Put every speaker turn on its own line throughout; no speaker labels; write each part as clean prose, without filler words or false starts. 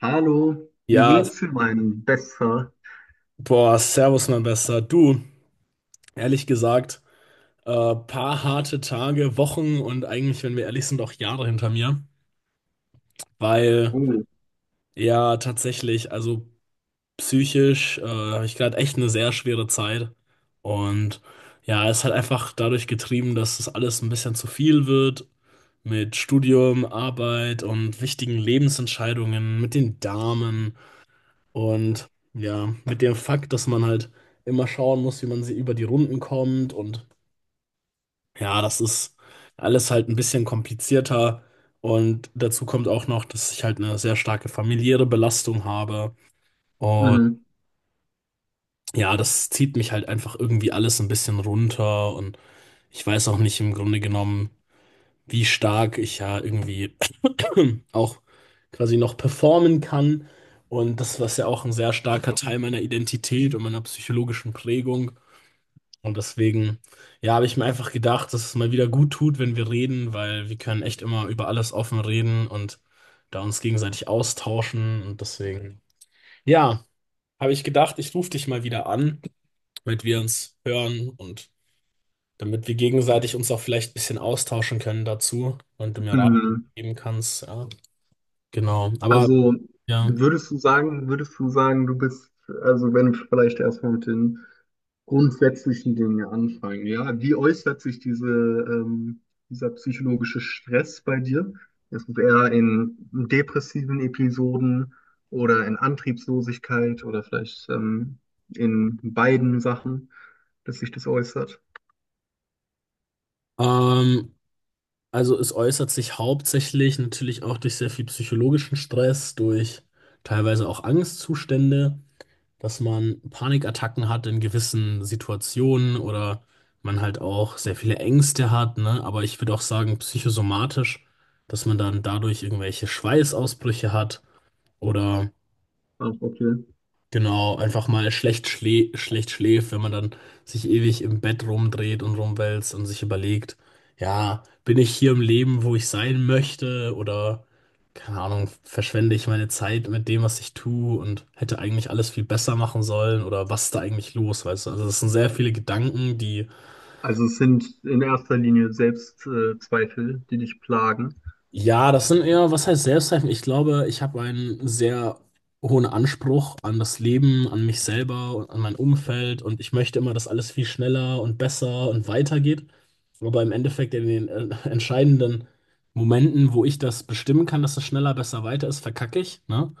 Hallo, wie
Ja,
geht's dir meinem Besser?
boah, servus, mein Bester. Du, ehrlich gesagt, paar harte Tage, Wochen und eigentlich, wenn wir ehrlich sind, auch Jahre hinter mir, weil
Oh.
ja tatsächlich, also psychisch, habe ich gerade echt eine sehr schwere Zeit. Und ja, es hat einfach dadurch getrieben, dass das alles ein bisschen zu viel wird mit Studium, Arbeit und wichtigen Lebensentscheidungen, mit den Damen. Und ja, mit dem Fakt, dass man halt immer schauen muss, wie man sie über die Runden kommt, und ja, das ist alles halt ein bisschen komplizierter. Und dazu kommt auch noch, dass ich halt eine sehr starke familiäre Belastung habe. Und
Mhm.
ja, das zieht mich halt einfach irgendwie alles ein bisschen runter. Und ich weiß auch nicht im Grunde genommen, wie stark ich ja irgendwie auch quasi noch performen kann. Und das, was ja auch ein sehr starker Teil meiner Identität und meiner psychologischen Prägung. Und deswegen, ja, habe ich mir einfach gedacht, dass es mal wieder gut tut, wenn wir reden, weil wir können echt immer über alles offen reden und da uns gegenseitig austauschen. Und deswegen, ja, habe ich gedacht, ich rufe dich mal wieder an, damit wir uns hören und damit wir gegenseitig uns auch vielleicht ein bisschen austauschen können dazu und du mir Rat
Mhm.
geben kannst. Ja, genau. Aber
Also
ja,
würdest du sagen, also wenn wir vielleicht erstmal mit den grundsätzlichen Dingen anfangen, ja, wie äußert sich dieser psychologische Stress bei dir? Ist es eher in depressiven Episoden oder in Antriebslosigkeit oder vielleicht in beiden Sachen, dass sich das äußert?
ähm, also es äußert sich hauptsächlich natürlich auch durch sehr viel psychologischen Stress, durch teilweise auch Angstzustände. Dass man Panikattacken hat in gewissen Situationen oder man halt auch sehr viele Ängste hat, ne? Aber ich würde auch sagen, psychosomatisch, dass man dann dadurch irgendwelche Schweißausbrüche hat oder
Ach, okay.
genau, einfach mal schlecht, schlä schlecht schläft, wenn man dann sich ewig im Bett rumdreht und rumwälzt und sich überlegt, ja, bin ich hier im Leben, wo ich sein möchte, oder, keine Ahnung, verschwende ich meine Zeit mit dem, was ich tue und hätte eigentlich alles viel besser machen sollen, oder was ist da eigentlich los, weißt du? Also es sind sehr viele Gedanken, die
Also es sind in erster Linie Selbstzweifel, Zweifel, die dich plagen.
ja, das sind eher, was heißt Selbstzweifel? Ich glaube, ich habe einen sehr hohen Anspruch an das Leben, an mich selber und an mein Umfeld, und ich möchte immer, dass alles viel schneller und besser und weitergeht. Aber im Endeffekt in den entscheidenden Momenten, wo ich das bestimmen kann, dass es schneller, besser, weiter ist, verkacke ich, ne?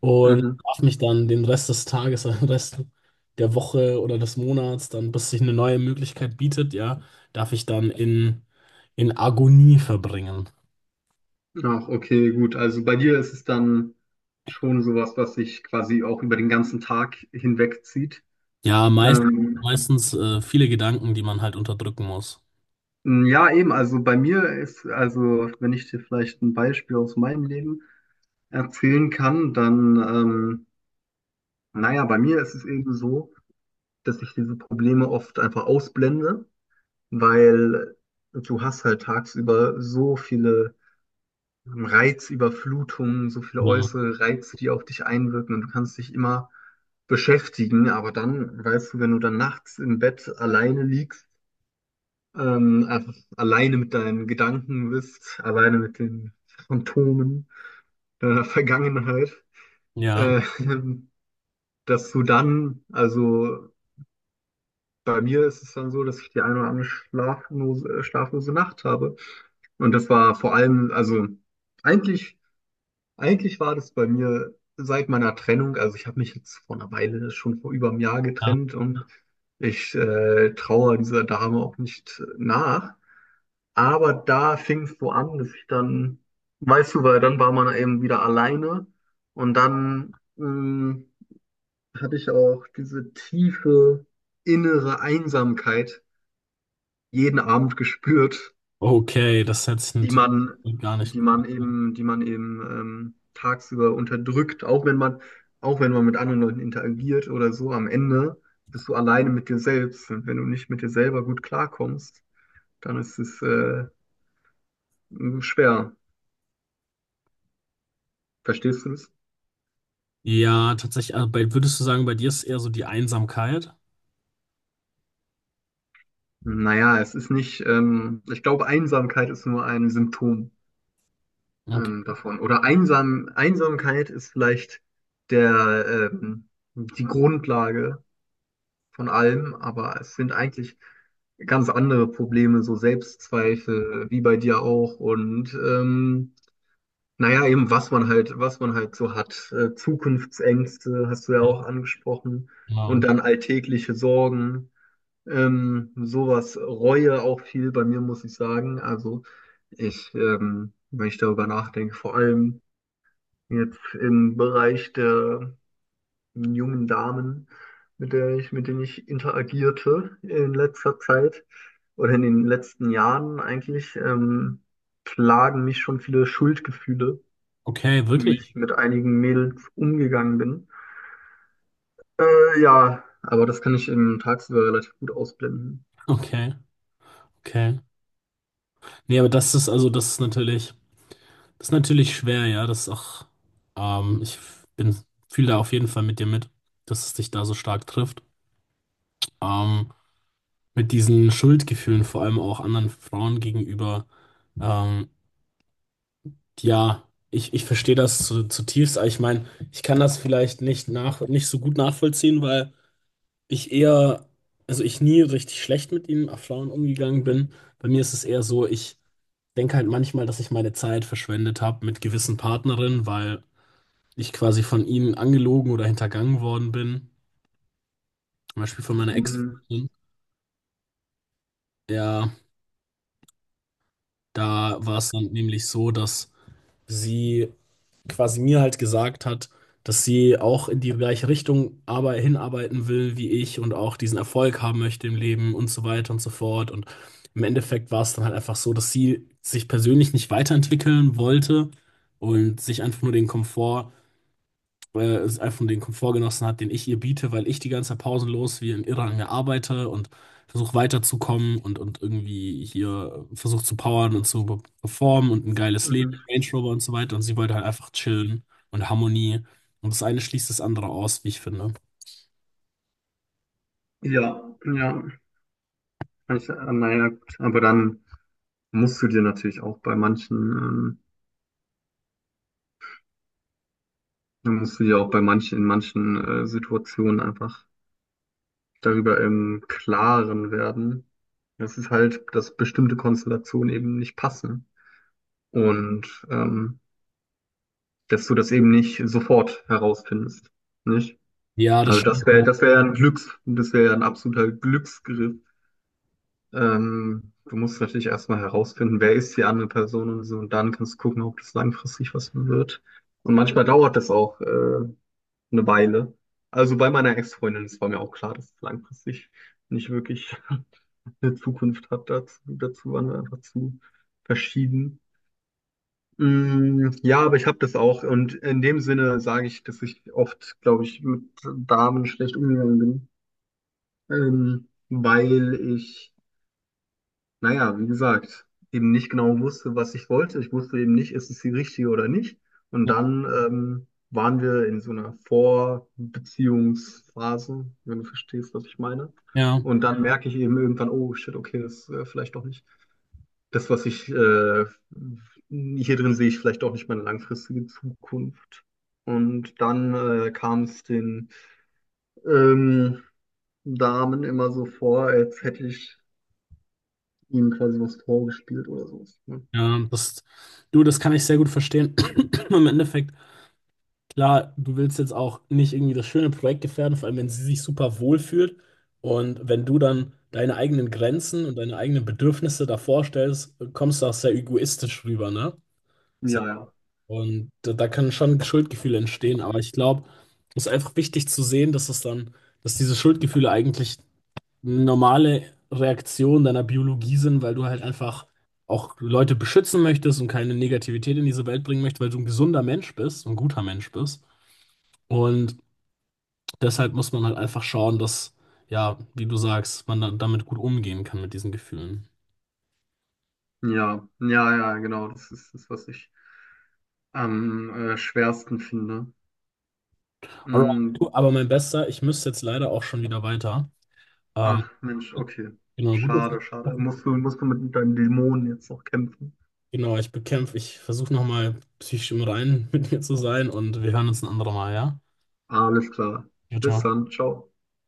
Und
Mhm.
darf mich dann den Rest des Tages, den Rest der Woche oder des Monats, dann bis sich eine neue Möglichkeit bietet, ja, darf ich dann in Agonie verbringen.
Ach, okay, gut. Also bei dir ist es dann schon sowas, was sich quasi auch über den ganzen Tag hinwegzieht.
Ja, meist,
Ähm,
meistens viele Gedanken, die man halt unterdrücken muss.
ja, eben. Also bei mir ist, also wenn ich dir vielleicht ein Beispiel aus meinem Leben erzählen kann, naja, bei mir ist es eben so, dass ich diese Probleme oft einfach ausblende, weil du hast halt tagsüber so viele Reizüberflutungen, so viele
Ja,
äußere Reize, die auf dich einwirken und du kannst dich immer beschäftigen, aber dann, weißt du, wenn du dann nachts im Bett alleine liegst, einfach alleine mit deinen Gedanken bist, alleine mit den Phantomen deiner Vergangenheit,
ja.
äh, dass du dann, also bei mir ist es dann so, dass ich die eine oder andere schlaflose Nacht habe. Und das war vor allem, also eigentlich, eigentlich war das bei mir seit meiner Trennung, also ich habe mich jetzt vor einer Weile, schon vor über einem Jahr
Ja.
getrennt und ich traue dieser Dame auch nicht nach. Aber da fing es so an, dass ich dann, weißt du, weil dann war man eben wieder alleine und hatte ich auch diese tiefe innere Einsamkeit jeden Abend gespürt,
Okay, das hätte ich
die man,
natürlich gar nicht gut.
die man eben tagsüber unterdrückt, auch wenn man mit anderen Leuten interagiert oder so, am Ende bist du alleine mit dir selbst. Und wenn du nicht mit dir selber gut klarkommst, dann ist es schwer. Verstehst du es?
Ja, tatsächlich, also bei, würdest du sagen, bei dir ist eher so die Einsamkeit?
Naja, es ist nicht, ich glaube, Einsamkeit ist nur ein Symptom
Okay,
davon. Oder Einsamkeit ist vielleicht der, ähm, die Grundlage von allem, aber es sind eigentlich ganz andere Probleme, so Selbstzweifel, wie bei dir auch. Und naja, eben was man halt so hat. Zukunftsängste hast du ja
ja,
auch angesprochen. Und
genau.
dann alltägliche Sorgen. Sowas, Reue auch viel bei mir, muss ich sagen. Also wenn ich darüber nachdenke, vor allem jetzt im Bereich der einen jungen Damen, mit denen ich interagierte in letzter Zeit oder in den letzten Jahren eigentlich, plagen mich schon viele Schuldgefühle,
Okay,
wie
wirklich?
ich mit einigen Mädels umgegangen bin. Ja, aber das kann ich im tagsüber relativ gut ausblenden.
Okay, okay. Nee, aber das ist, also das ist natürlich schwer, ja. Das ist auch, ich bin, fühle da auf jeden Fall mit dir mit, dass es dich da so stark trifft. Ähm, mit diesen Schuldgefühlen, vor allem auch anderen Frauen gegenüber. Ähm, ja, ich, ich verstehe das zu, zutiefst, aber ich meine, ich kann das vielleicht nicht nach, nicht so gut nachvollziehen, weil ich eher, also ich nie richtig schlecht mit ihm auf Flauen umgegangen bin. Bei mir ist es eher so, ich denke halt manchmal, dass ich meine Zeit verschwendet habe mit gewissen Partnerinnen, weil ich quasi von ihnen angelogen oder hintergangen worden bin. Zum Beispiel von meiner
Mhm.
Ex-Freundin. Ja, da war es dann nämlich so, dass sie quasi mir halt gesagt hat, dass sie auch in die gleiche Richtung aber hinarbeiten will wie ich und auch diesen Erfolg haben möchte im Leben und so weiter und so fort. Und im Endeffekt war es dann halt einfach so, dass sie sich persönlich nicht weiterentwickeln wollte und sich einfach nur den Komfort es einfach den Komfort genossen hat, den ich ihr biete, weil ich die ganze Zeit pausenlos wie ein Irrer an ihr arbeite und versuche weiterzukommen und irgendwie hier versuche zu powern und zu performen und ein geiles Leben,
Mhm.
Range Rover und so weiter. Und sie wollte halt einfach chillen und Harmonie. Und das eine schließt das andere aus, wie ich finde.
Ja, ja. Kann ich, naja, gut. Aber dann musst du dir natürlich auch bei dann musst du dir auch bei manchen, in manchen Situationen einfach darüber im Klaren werden, dass es halt, dass bestimmte Konstellationen eben nicht passen und dass du das eben nicht sofort herausfindest, nicht?
Ja, das
Also
schon.
das wäre ein das wäre ein absoluter Glücksgriff. Du musst natürlich erstmal herausfinden, wer ist die andere Person und so, und dann kannst du gucken, ob das langfristig was wird. Und manchmal dauert das auch eine Weile. Also bei meiner Ex-Freundin, das war mir auch klar, dass es langfristig nicht wirklich eine Zukunft hat. Dazu waren wir einfach zu verschieden. Mm, ja, aber ich habe das auch. Und in dem Sinne sage ich, dass ich oft, glaube ich, mit Damen schlecht umgegangen bin, ähm, weil ich, naja, wie gesagt, eben nicht genau wusste, was ich wollte. Ich wusste eben nicht, ist es die richtige oder nicht. Und dann waren wir in so einer Vorbeziehungsphase, wenn du verstehst, was ich meine.
Ja,
Und dann merke ich eben irgendwann, oh shit, okay, das ist vielleicht doch nicht das, was ich hier drin sehe, ich vielleicht auch nicht meine langfristige Zukunft. Und dann kam es den ähm, Damen immer so vor, als hätte ich ihnen quasi was vorgespielt oder so. Ne?
ja, das, du, das kann ich sehr gut verstehen. Im Endeffekt. Klar, du willst jetzt auch nicht irgendwie das schöne Projekt gefährden, vor allem wenn sie sich super wohl fühlt, und wenn du dann deine eigenen Grenzen und deine eigenen Bedürfnisse davor stellst, kommst du auch sehr egoistisch rüber, ne?
Ja,
Sehr-
ja.
Und da, da können schon Schuldgefühle entstehen, aber ich glaube, es ist einfach wichtig zu sehen, dass es dann, dass diese Schuldgefühle eigentlich eine normale Reaktion deiner Biologie sind, weil du halt einfach auch Leute beschützen möchtest und keine Negativität in diese Welt bringen möchtest, weil du ein gesunder Mensch bist, ein guter Mensch bist. Und deshalb muss man halt einfach schauen, dass, ja, wie du sagst, man da, damit gut umgehen kann mit diesen Gefühlen.
Ja, ja, ja, genau. Das ist das, was ich am schwersten finde.
Alright,
Mm,
du, aber mein Bester, ich müsste jetzt leider auch schon wieder weiter. Ähm,
ach, Mensch, okay.
genau,
Schade,
gut.
schade. Musst du mit deinen Dämonen jetzt noch kämpfen.
Genau, ich bekämpfe, ich versuche nochmal psychisch im Reinen mit mir zu sein, und wir hören uns ein anderes Mal, ja?
Alles klar.
Ciao, ciao.
Bis dann. Ciao.